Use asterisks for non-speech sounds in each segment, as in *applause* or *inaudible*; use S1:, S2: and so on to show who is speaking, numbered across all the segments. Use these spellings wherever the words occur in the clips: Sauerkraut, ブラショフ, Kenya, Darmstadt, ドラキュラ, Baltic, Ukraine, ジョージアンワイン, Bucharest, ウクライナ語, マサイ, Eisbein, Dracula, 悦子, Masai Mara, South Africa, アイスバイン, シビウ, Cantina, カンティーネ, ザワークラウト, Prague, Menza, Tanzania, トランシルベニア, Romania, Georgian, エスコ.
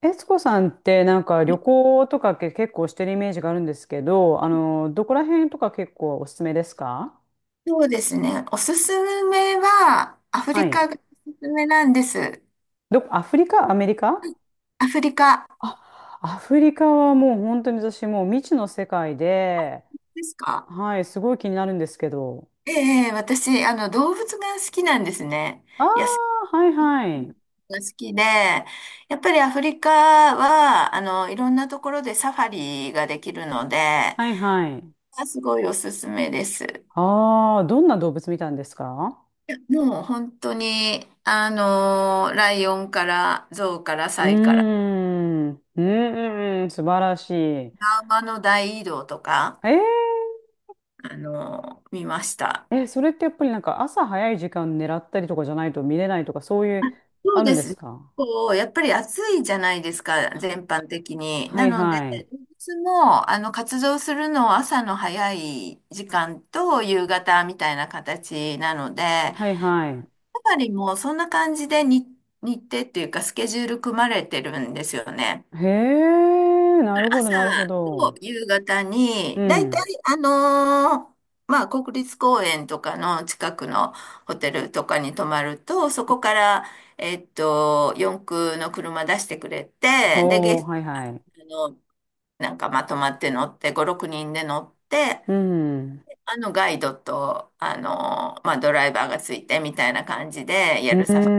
S1: 悦子さんってなんか旅行とかけ結構してるイメージがあるんですけど、どこら辺とか結構おすすめですか？
S2: そうですね。おすすめは、アフ
S1: は
S2: リ
S1: い。
S2: カがおすすめなんです。
S1: どこ、アフリカアメリカ？
S2: アフリカ
S1: あ、アフリカはもう本当に私もう未知の世界で、
S2: ですか？
S1: はい、すごい気になるんですけど。
S2: ええ、ええ私、動物が好きなんですね。
S1: あ
S2: 野生
S1: あ、はい
S2: 動
S1: は
S2: 物
S1: い。
S2: が好きで、やっぱりアフリカは、いろんなところでサファリができるので、
S1: はいはい。
S2: すごいおすすめです。
S1: ああ、どんな動物見たんですか？
S2: もう本当に、ライオンからゾウから
S1: うー
S2: サイから、
S1: ん、うーん、素晴らしい。
S2: 馬の大移動とか、
S1: ー
S2: 見ました。
S1: え、それってやっぱりなんか朝早い時間狙ったりとかじゃないと見れないとかそういう、
S2: そう
S1: あるん
S2: で
S1: で
S2: す
S1: す
S2: ね。
S1: か？
S2: こう、やっぱり暑いじゃないですか、全般的に。
S1: は
S2: な
S1: い
S2: ので、
S1: はい。
S2: つも、活動するのは朝の早い時間と夕方みたいな形なので、やっ
S1: はいはい。
S2: ぱりもうそんな感じでに日程っていうかスケジュール組まれてるんですよね。
S1: へえ、なるほど
S2: 朝
S1: なるほ
S2: と
S1: ど。
S2: 夕方
S1: う
S2: に、だいたい
S1: ん。
S2: あのーまあ、国立公園とかの近くのホテルとかに泊まると、そこから、四駆の車出してくれて、で、
S1: ほ
S2: ゲ
S1: う、
S2: ス
S1: はい
S2: ト
S1: はい。
S2: の、なんかまとまって乗って、5、6人で乗って、
S1: うん。
S2: ガイドと、ドライバーがついてみたいな感じで
S1: う
S2: や
S1: ー
S2: るサファリ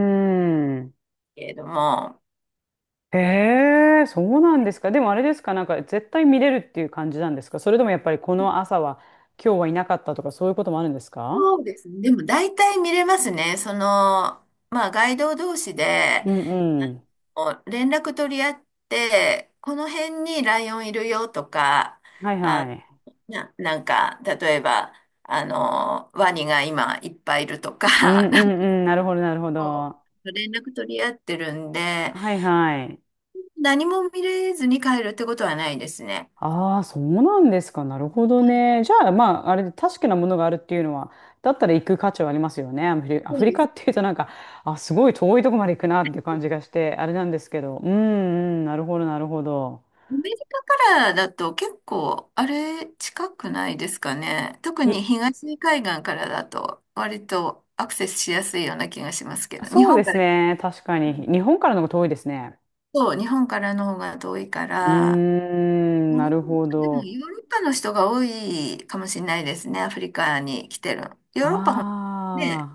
S1: ん。
S2: けれども、
S1: へえ、そうなんですか。でもあれですか、なんか絶対見れるっていう感じなんですか？それともやっぱりこの朝は今日はいなかったとかそういうこともあるんですか？
S2: そうですね。でも大体見れますね。その、まあ、ガイド同士で、
S1: うんうん。
S2: 連絡取り合って、この辺にライオンいるよとか、
S1: はい
S2: あ、
S1: はい。
S2: なんか、例えば、ワニが今いっぱいいるとか、
S1: うん
S2: *laughs* な
S1: う
S2: んか
S1: んうん。なるほどなるほど。
S2: こ
S1: は
S2: う連絡取り合ってるんで、
S1: いはい。
S2: 何も見れずに帰るってことはないですね。
S1: ああ、そうなんですか。なるほど
S2: はい、
S1: ね。じゃあ、まあ、あれ、確かなものがあるっていうのは、だったら行く価値はありますよね。アフリ、ア
S2: そ
S1: フ
S2: う
S1: リ
S2: で
S1: カ
S2: す。
S1: っていうとなんか、あ、すごい遠いとこまで行くなっていう感じがして、あれなんですけど。うん、うん、なるほど、なるほど。
S2: アメリカからだと結構、あれ、近くないですかね。特に
S1: い、
S2: 東海岸からだと、割とアクセスしやすいような気がしますけど、日
S1: そうで
S2: 本か
S1: す
S2: ら。
S1: ね。確かに。日本からの方が遠いですね。
S2: そう、日本からの方が遠いか
S1: うー
S2: ら、
S1: ん、
S2: う
S1: な
S2: ん、
S1: るほ
S2: でも
S1: ど。
S2: ヨーロッパの人が多いかもしれないですね、アフリカに来てる。ヨー
S1: あ
S2: ロッパほんね、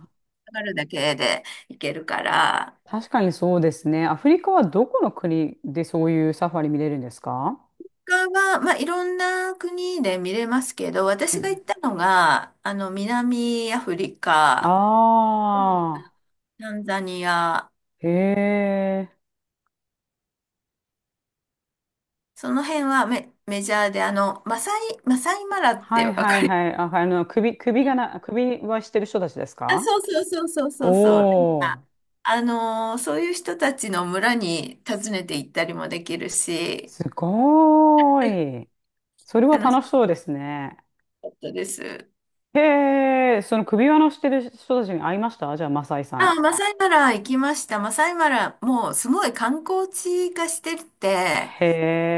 S2: 上がるだけで行けるから、
S1: あ、確かにそうですね。アフリカはどこの国でそういうサファリ見れるんですか？
S2: 他は、まあ、いろんな国で見れますけど、
S1: う
S2: 私が行
S1: ん、
S2: ったのが、南アフリカ、
S1: あ
S2: ケニア、
S1: あ、
S2: タンザニア、
S1: へえ。
S2: その辺はメジャーで、マサイマラっ
S1: は
S2: て
S1: い
S2: わ
S1: は
S2: か
S1: い
S2: り
S1: はい。あ、首、首
S2: ま
S1: が
S2: す？
S1: な、首はしてる人たちです
S2: あ、
S1: か？
S2: そうそう。なん
S1: お
S2: か、
S1: ー、
S2: そういう人たちの村に訪ねて行ったりもできるし、
S1: すご
S2: *laughs*
S1: ーい。それは
S2: 楽し
S1: 楽しそうですね。
S2: かったです。
S1: へえ、その首輪のしてる人たちに会いました？じゃあ、マサイさん。
S2: あ、マサイマラ行きました。マサイマラ、もうすごい観光地化してて、
S1: へ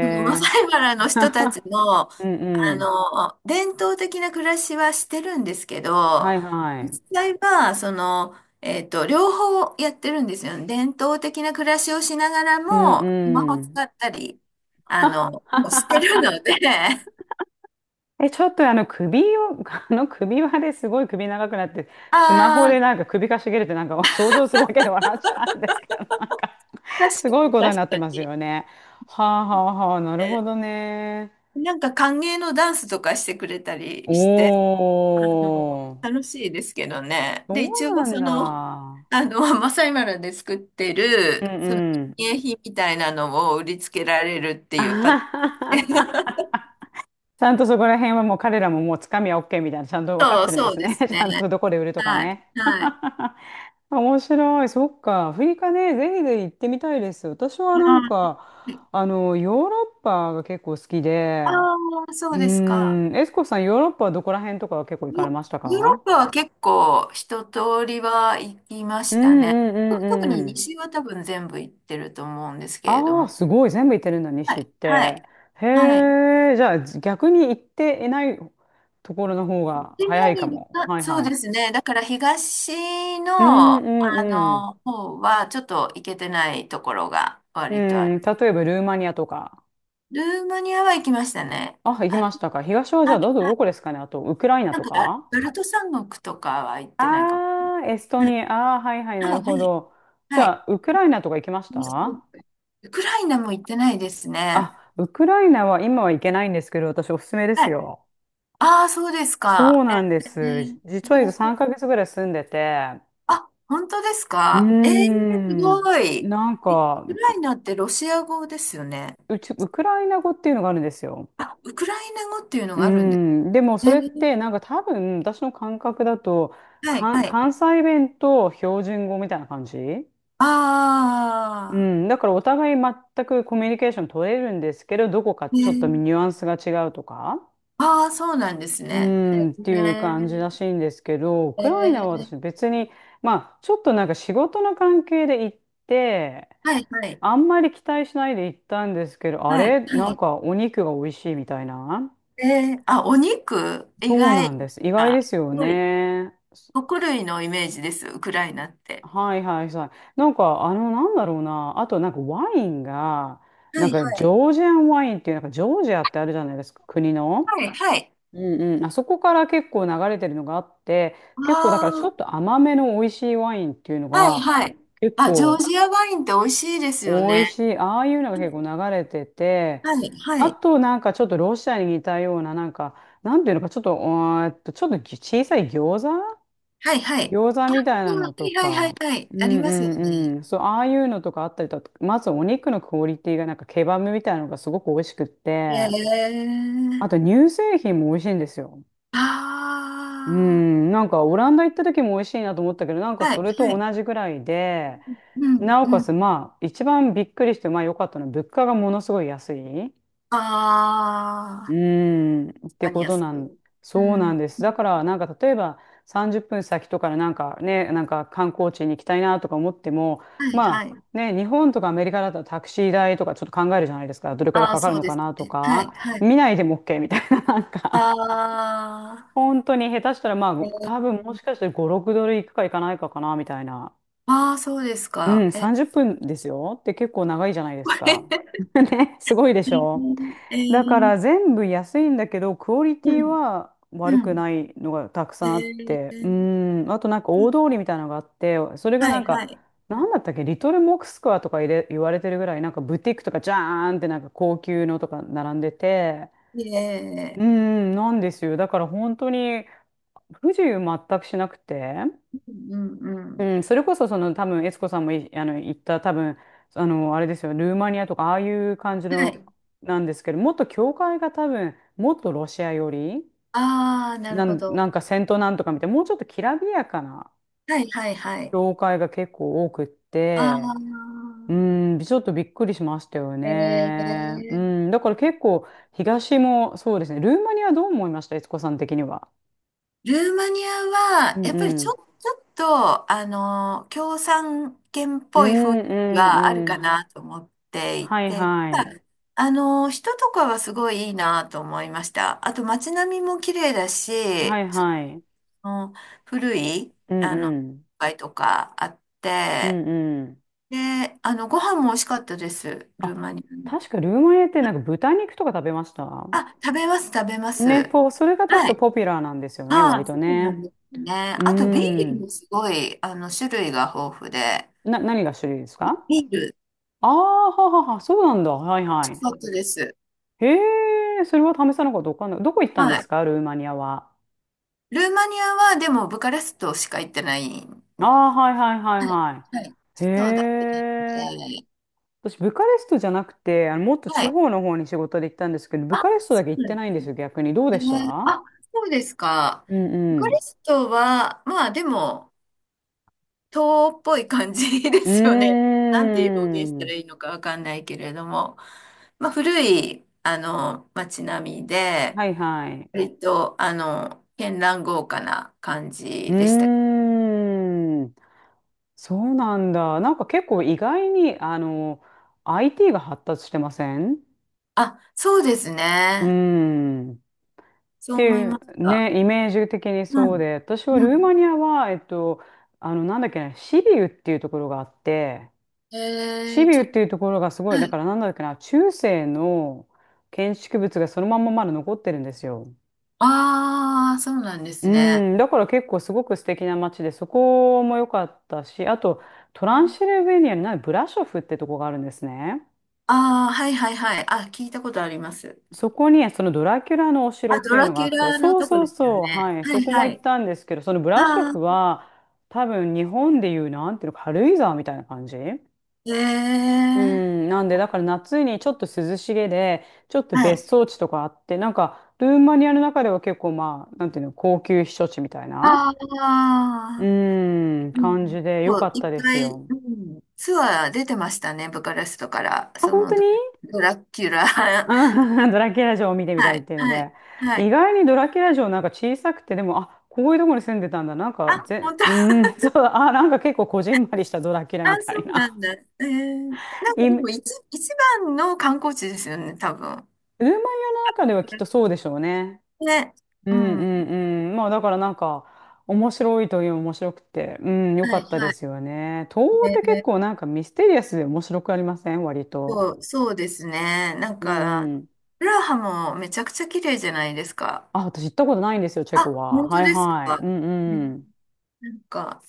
S2: そのマサイマラの人たち
S1: *laughs*
S2: の、
S1: うんうん。
S2: 伝統的な暮らしはしてるんですけ
S1: は
S2: ど、
S1: いはい。
S2: 実際は、その、両方やってるんですよね。伝統的な暮らしをしながら
S1: うん
S2: も、スマホ
S1: うん。
S2: 使ったり、もうしてるの
S1: *laughs*
S2: で、*laughs*
S1: え、ちょっとあの首を、*laughs* あの首輪ですごい首長くなって、スマホ
S2: ああ、
S1: でなんか首かしげるってなんか想像するだけで笑っちゃうんですけど、なんか
S2: 確
S1: す
S2: か
S1: ごい
S2: に、
S1: ことに
S2: 確
S1: なって
S2: か
S1: ます
S2: に。
S1: よね。はあはあはあ、なるほ
S2: え、
S1: どね。
S2: なんか歓迎のダンスとかしてくれた
S1: お
S2: りして、あの
S1: ー、
S2: 楽しいですけどね。
S1: そ
S2: で、一
S1: うな
S2: 応
S1: ん
S2: その、
S1: だ。
S2: *laughs* マサイマラで作って
S1: う
S2: る、
S1: ん
S2: その、
S1: う
S2: 記
S1: ん。
S2: 念品みたいなのを売りつけられるっ
S1: *laughs*
S2: て
S1: あ
S2: いうパ
S1: は
S2: タ
S1: はは、
S2: ーン。*laughs*
S1: ちゃんとそこら辺はもう彼らももうつかみは OK みたいな、ちゃんと分かってるんで
S2: そう
S1: す
S2: で
S1: ね。
S2: す
S1: *laughs* ち
S2: ね。
S1: ゃんとどこで売るとか
S2: はい、
S1: ね。
S2: はい。
S1: *laughs* 面白い。そっか。アフリカね、ぜひぜひ行ってみたいです。私はなん
S2: あ
S1: か、ヨーロッパが結構好き
S2: あ
S1: で、
S2: ー、そ
S1: う
S2: うですか。
S1: ーん、エスコさん、ヨーロッパはどこら辺とかは結構行かれ
S2: ヨ、
S1: ました
S2: ヨーロッ
S1: か？
S2: パは結構一通りは行きま
S1: う
S2: した
S1: ん
S2: ね。
S1: うんう
S2: 特に
S1: んうん。
S2: 西は多分全部行ってると思うんですけれど
S1: ああ、
S2: も。
S1: すごい。全部行ってるんだ、
S2: は
S1: 西っ
S2: い、はい、
S1: て。へ
S2: はい。
S1: え、じゃあ逆に行っていないところの方
S2: 市
S1: が早
S2: 内
S1: いか
S2: に、
S1: も。
S2: あ、
S1: はい
S2: そう
S1: は
S2: で
S1: い。
S2: すね。だから東
S1: う
S2: の、
S1: んうんうん。
S2: 方はちょっと行けてないところが
S1: う
S2: 割とあ
S1: ん、
S2: る。
S1: 例えばルーマニアとか。
S2: ルーマニアは行きましたね。
S1: あ、行き
S2: あれ、
S1: ましたか。東はじゃ
S2: あ、
S1: あどこですかね。あと、ウクライナ
S2: なん
S1: と
S2: か、あ
S1: か。
S2: バルト三国とかは行ってないかも。
S1: ああ、エストニア。ああ、はいはい、
S2: はい、
S1: なる
S2: は
S1: ほ
S2: い、はい。
S1: ど。じ
S2: は
S1: ゃ
S2: い、
S1: あ、ウクライナとか行きました？
S2: ウクライナも行ってないですね。
S1: あ、ウクライナは今は行けないんですけど、私おすすめで
S2: は
S1: す
S2: い。
S1: よ。
S2: ああ、そうです
S1: そう
S2: か。
S1: なんで
S2: え
S1: す。じ
S2: ー、
S1: 実は3ヶ月ぐらい住んでて、
S2: あ、本当です
S1: うー
S2: か。えー、す
S1: ん、
S2: ごい。
S1: なん
S2: え、ウ
S1: か、
S2: クライナってロシア語ですよね？
S1: ウクライナ語っていうのがあるんですよ。
S2: あ、ウクライナ語っていうの
S1: うー
S2: があるんです
S1: ん、でもそれっ
S2: ね。
S1: てなんか多分私の感覚だと、
S2: はい、
S1: か、
S2: はい。
S1: 関西弁と標準語みたいな感じ、う
S2: あ
S1: ん、だからお互い全くコミュニケーション取れるんですけど、どこか
S2: あ、
S1: ちょっと
S2: ね、
S1: ニュアンスが違うとか、
S2: ああ、そうなんです
S1: う
S2: ね。
S1: ん、っていう感じ
S2: ね、
S1: らしいんですけど、ウ
S2: え
S1: クライナは私
S2: ー、
S1: 別に、まあ、ちょっとなんか仕事の関係で行って、
S2: はい、はい、
S1: あんまり期待しないで行ったんですけど、あ
S2: はい、
S1: れな
S2: は
S1: ん
S2: い。
S1: かお肉が美味しいみたいな。
S2: えー、あ、お肉、意
S1: そう
S2: 外、
S1: なんです。意外
S2: なん
S1: で
S2: か
S1: すよ
S2: すごい、
S1: ね。
S2: 穀類のイメージです、ウクライナって。
S1: はいはいはい。なんか、なんだろうな。あと、なんかワインが、
S2: は
S1: なん
S2: い、
S1: かジ
S2: はい。
S1: ョージアンワインっていう、なんかジョージアってあるじゃないですか、国の。
S2: はい、はい。
S1: うんうん。あそこから結構流れてるのがあって、
S2: あ
S1: 結構だからちょっと甘めの美味しいワインっていうの
S2: あ、はい、
S1: が、
S2: はい。
S1: 結
S2: あ、ジョー
S1: 構
S2: ジアワインって美味しいですよ
S1: 美味
S2: ね。
S1: しい。ああいうのが結構流れてて、
S2: はい、は
S1: あ
S2: い。
S1: となんかちょっとロシアに似たような、なんか、なんていうのか、ちょっと、ちょっと小さい餃子
S2: はい、はい。
S1: 餃子みたいな
S2: は
S1: のと
S2: い、はい、はい、
S1: か、
S2: はい。
S1: うん
S2: あり
S1: う
S2: ますよね。
S1: んうん、そう、ああいうのとかあったりとか、まずお肉のクオリティがなんかケバブみたいなのがすごく美味しくって、あ
S2: え
S1: と
S2: え、
S1: 乳製品も美味しいんですよ。う
S2: あ
S1: ん、なんかオランダ行った時も美味しいなと思ったけど、なんか
S2: あー、は
S1: それ
S2: い、は
S1: と
S2: い。
S1: 同じぐらいで、
S2: うん、
S1: なお
S2: う
S1: かつ
S2: ん。
S1: まあ一番びっくりしてまあ良かったのは物価がものすごい安い。う
S2: ああ、
S1: ーん、っ
S2: 確
S1: て
S2: かに
S1: こと
S2: 安
S1: なん、
S2: く。
S1: そう
S2: う
S1: なん
S2: ん、
S1: です。だから、なんか例えば30分先とかでなんかね、なんか観光地に行きたいなとか思っても、
S2: はい、は
S1: ま
S2: い。
S1: あね、日本とかアメリカだとタクシー代とかちょっと考えるじゃないですか。どれくらい
S2: ああ、
S1: かかる
S2: そう
S1: の
S2: で
S1: か
S2: す
S1: なと
S2: ね。はい、
S1: か、
S2: はい。
S1: 見ないでも OK みたいな、*laughs* なんか、
S2: あ
S1: 本当に下手したらま
S2: あ、
S1: あ、
S2: えー、
S1: 多分もしかしたら5、6ドル行くか行かないかかなみたいな。
S2: ああ、そうです
S1: う
S2: か。
S1: ん、
S2: え
S1: 30
S2: ー、
S1: 分ですよって結構長いじゃないで
S2: こ
S1: すか。
S2: れ、
S1: *laughs* ね、すごいで
S2: え
S1: しょ？
S2: ー、え
S1: だか
S2: ー、
S1: ら全部安いんだけど、クオリテ
S2: う
S1: ィ
S2: ん、
S1: は
S2: う
S1: 悪く
S2: ん。
S1: ないのがたく
S2: え
S1: さんあって、う
S2: ー、
S1: ん、あとなんか大通りみたいなのがあって、それが
S2: は
S1: なん
S2: い、は
S1: か、
S2: い。
S1: なんだったっけ、リトルモクスクワとか言われてるぐらい、なんかブティックとかジャーンってなんか高級のとか並んでて、
S2: え
S1: うん、なんですよ。だから本当に不自由全くしなくて。
S2: ー、うん、うん。うん、
S1: うん、それこそその多分悦子さんもいあの言った多分、あれですよ。ルーマニアとかああいう感じ
S2: は
S1: の
S2: い。
S1: なんですけど、もっと教会が多分もっとロシア寄り
S2: ああ、なる
S1: な
S2: ほ
S1: ん、
S2: ど。
S1: なんかセントなんとかみたいな、もうちょっときらびやかな
S2: はい、はい、はい。
S1: 教会が結構多くっ
S2: ああ、
S1: て、うん、ちょっとびっくりしましたよ
S2: え
S1: ね。う
S2: ー、
S1: ん、だから結構東もそうですね。ルーマニア、どう思いました？悦子さん的には？
S2: ルーマニア
S1: う
S2: は、や
S1: ん
S2: っぱり
S1: う
S2: ちょ、
S1: ん
S2: ちょっと、共産圏っ
S1: う
S2: ぽい雰
S1: ん
S2: 囲気
S1: う
S2: はある
S1: んう
S2: か
S1: ん。
S2: なと思ってい
S1: はい
S2: て、
S1: は
S2: た
S1: い
S2: だあの、人とかはすごいいいなと思いました。あと街並みも綺麗だ
S1: は
S2: し、
S1: い
S2: そ
S1: はい。
S2: の古い、
S1: うん
S2: あの、
S1: うん
S2: 街とかあっ
S1: う
S2: て、
S1: んうん。
S2: で、ご飯も美味しかったです、ル
S1: あ、
S2: ーマニアの。
S1: 確かルーマニアってなんか豚肉とか食べました？
S2: あ、食べます。
S1: ね、それが確
S2: は
S1: か
S2: い、
S1: ポピュラーなんですよね、
S2: あ
S1: 割
S2: あ、
S1: と
S2: そうなん
S1: ね。
S2: ですね。
S1: う
S2: あと、ビールも
S1: ん。
S2: すごい、種類が豊富で、
S1: 何が種類です
S2: ビ
S1: か？
S2: ビール、
S1: ああー、ははは、そうなんだ。はい
S2: 美味
S1: は
S2: しかったです。
S1: い。へえ、それは試さなかったわかんない。どこ行ったん
S2: は
S1: です
S2: い。
S1: か、ルーマニアは。
S2: ルーマニアは、でも、ブカレストしか行ってない。
S1: あ
S2: は
S1: あ、はいはいはいは
S2: い。はい。
S1: い。へ
S2: そうだけ
S1: え。
S2: なので、
S1: 私、ブカレストじゃなくて、もっと
S2: は
S1: 地
S2: い。
S1: 方の方に仕事で行ったんですけど、ブ
S2: あ、
S1: カレストだ
S2: そ
S1: け行
S2: う
S1: っ
S2: な
S1: て
S2: んで
S1: ないんですよ、逆に。どう
S2: す
S1: でし
S2: ね。
S1: た？
S2: あ、そうですか。
S1: うん
S2: ブ
S1: う
S2: カレ
S1: ん。
S2: ストは、まあ、でも、東欧っぽい感じで
S1: う
S2: すよね。
S1: ー
S2: *laughs* なんて表現した
S1: ん。
S2: らいいのかわかんないけれども、まあ、古い、街並みで、
S1: はいはい。
S2: 割と、絢爛豪華な感
S1: う
S2: じでした。
S1: ーん。そうなんだ。なんか結構意外に、IT が発達してません？
S2: あ、そうです
S1: うー
S2: ね。
S1: ん。っ
S2: そう
S1: て
S2: 思い
S1: いう、
S2: ました。
S1: ね、イメージ的に
S2: う
S1: そう
S2: ん。
S1: で、私は
S2: う
S1: ルーマ
S2: ん。
S1: ニアは、なんだっけな、シビウっていうところがあって、
S2: え
S1: シ
S2: ー、
S1: ビウ
S2: ちょっ
S1: っていう
S2: と、
S1: ところがすごい、
S2: は
S1: だか
S2: い。
S1: らなんだっけな、中世の建築物がそのまんままだ残ってるんですよ。
S2: ああ、そうなんで
S1: う
S2: すね。
S1: ん、だから結構すごく素敵な街で、そこも良かったし、あとトランシルベニアにないブラショフってとこがあるんですね。
S2: ああ、はいはいはい。あ、聞いたことあります。
S1: そこにそのドラキュラのお城っ
S2: あ、
S1: て
S2: ド
S1: いう
S2: ラ
S1: のがあ
S2: キュ
S1: って、
S2: ラの
S1: そう
S2: とこ
S1: そう
S2: ですよ
S1: そう、
S2: ね。
S1: はい、そ
S2: はい
S1: こも
S2: は
S1: 行っ
S2: い。
S1: たんですけど、そのブラショ
S2: あ
S1: フ
S2: あ、
S1: は多分日本でいうなんていうの、軽井沢みたいな感じ、
S2: ええ
S1: う
S2: ー、
S1: ん、なんでだから夏にちょっと涼しげで、ちょっと
S2: はい。
S1: 別荘地とかあって、なんかルーマニアの中では結構まあ、なんていうの、高級避暑地みたいな。
S2: あ
S1: う
S2: あ、
S1: ーん、
S2: う
S1: 感
S2: ん。
S1: じで良
S2: そ
S1: か
S2: う、
S1: っ
S2: い
S1: た
S2: っ
S1: で
S2: ぱ
S1: す
S2: い、
S1: よ。
S2: うん、ツアー出てましたね、ブカレストから。
S1: あ、
S2: そ
S1: 本
S2: の
S1: 当
S2: ド、
S1: に？
S2: ドラキュラ。*laughs* は
S1: うん。 *laughs* ドラキュラ城を見て
S2: い、
S1: みたいっていうの
S2: はい、
S1: で。
S2: は
S1: 意
S2: い。
S1: 外にドラキュラ城なんか小さくて、でも、あ、こういうとこに住んでたんだ。なんか
S2: あ、本当。
S1: うー
S2: *laughs*
S1: ん、*laughs* そう、あ、なんか結構こじんまりしたドラキュラ
S2: あ、
S1: みた
S2: そ
S1: い
S2: うな
S1: な。
S2: んだ。えー、な
S1: *laughs*
S2: んかで
S1: イ
S2: も一、一番の観光地ですよね、多分。
S1: ルーマニアの中ではきっとそうでしょうね。
S2: ね。
S1: うん
S2: う
S1: う
S2: ん。
S1: んうん。まあだからなんか、面白いという面白くて、うん、良か
S2: はい、
S1: ったで
S2: はい。
S1: すよね。東欧っ
S2: え
S1: て結
S2: ー、
S1: 構なんかミステリアスで面白くありません？割と。
S2: そうですね。なん
S1: う
S2: か、
S1: ん。
S2: プラハもめちゃくちゃ綺麗じゃないですか。
S1: あ、私行ったことないんですよ、チェコ
S2: あ、
S1: は。
S2: 本当
S1: はい
S2: です
S1: はい。
S2: か。
S1: うん
S2: ね、
S1: うん。
S2: なんか、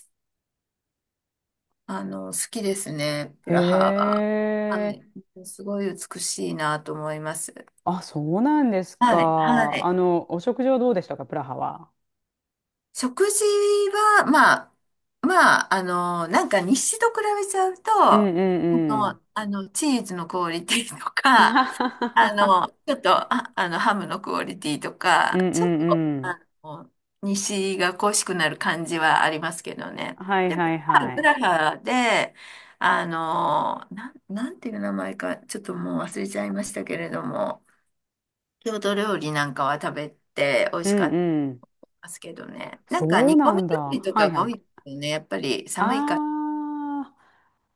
S2: 好きですね、プ
S1: へ
S2: ラハは。は
S1: え。
S2: い。すごい美しいなと思います。
S1: あ、そうなんです
S2: はい、は
S1: か。
S2: い。
S1: お食事はどうでしたか、プラハは。
S2: 食事は、まあ、まあ、なんか日誌と比べちゃうと、
S1: うん
S2: あ
S1: うんうん。
S2: あのチーズのクオリティと
S1: あは
S2: か、
S1: は
S2: *laughs*
S1: は
S2: あ
S1: は。
S2: の、ちょっと、あ、あの、ハムのクオリティと
S1: う
S2: か、
S1: んう
S2: ちょっ
S1: ん
S2: と、
S1: うん。
S2: の、日誌が恋しくなる感じはありますけどね。
S1: はい
S2: で、
S1: はいは
S2: プ
S1: い。
S2: ラハで、なんていう名前か、ちょっともう忘れちゃいましたけれども、郷土料理なんかは食べて美
S1: う
S2: 味しか
S1: ん
S2: った
S1: うん。
S2: ますけどね。なんか
S1: そう
S2: 煮込
S1: な
S2: み
S1: んだ。
S2: 料理と
S1: は
S2: か
S1: い
S2: が
S1: は
S2: 多い
S1: い。
S2: ですよね。やっぱり寒いから。
S1: ああ、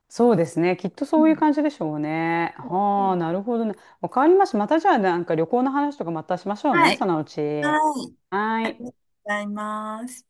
S1: そうですね。きっと
S2: う
S1: そういう
S2: ん、
S1: 感じでしょうね。はあ、なるほどね。わかりました。またじゃあ、なんか旅行の話とかまたしましょう
S2: は
S1: ね、そ
S2: い。
S1: のうち。
S2: はい。
S1: は
S2: あり
S1: い。
S2: がとうございます。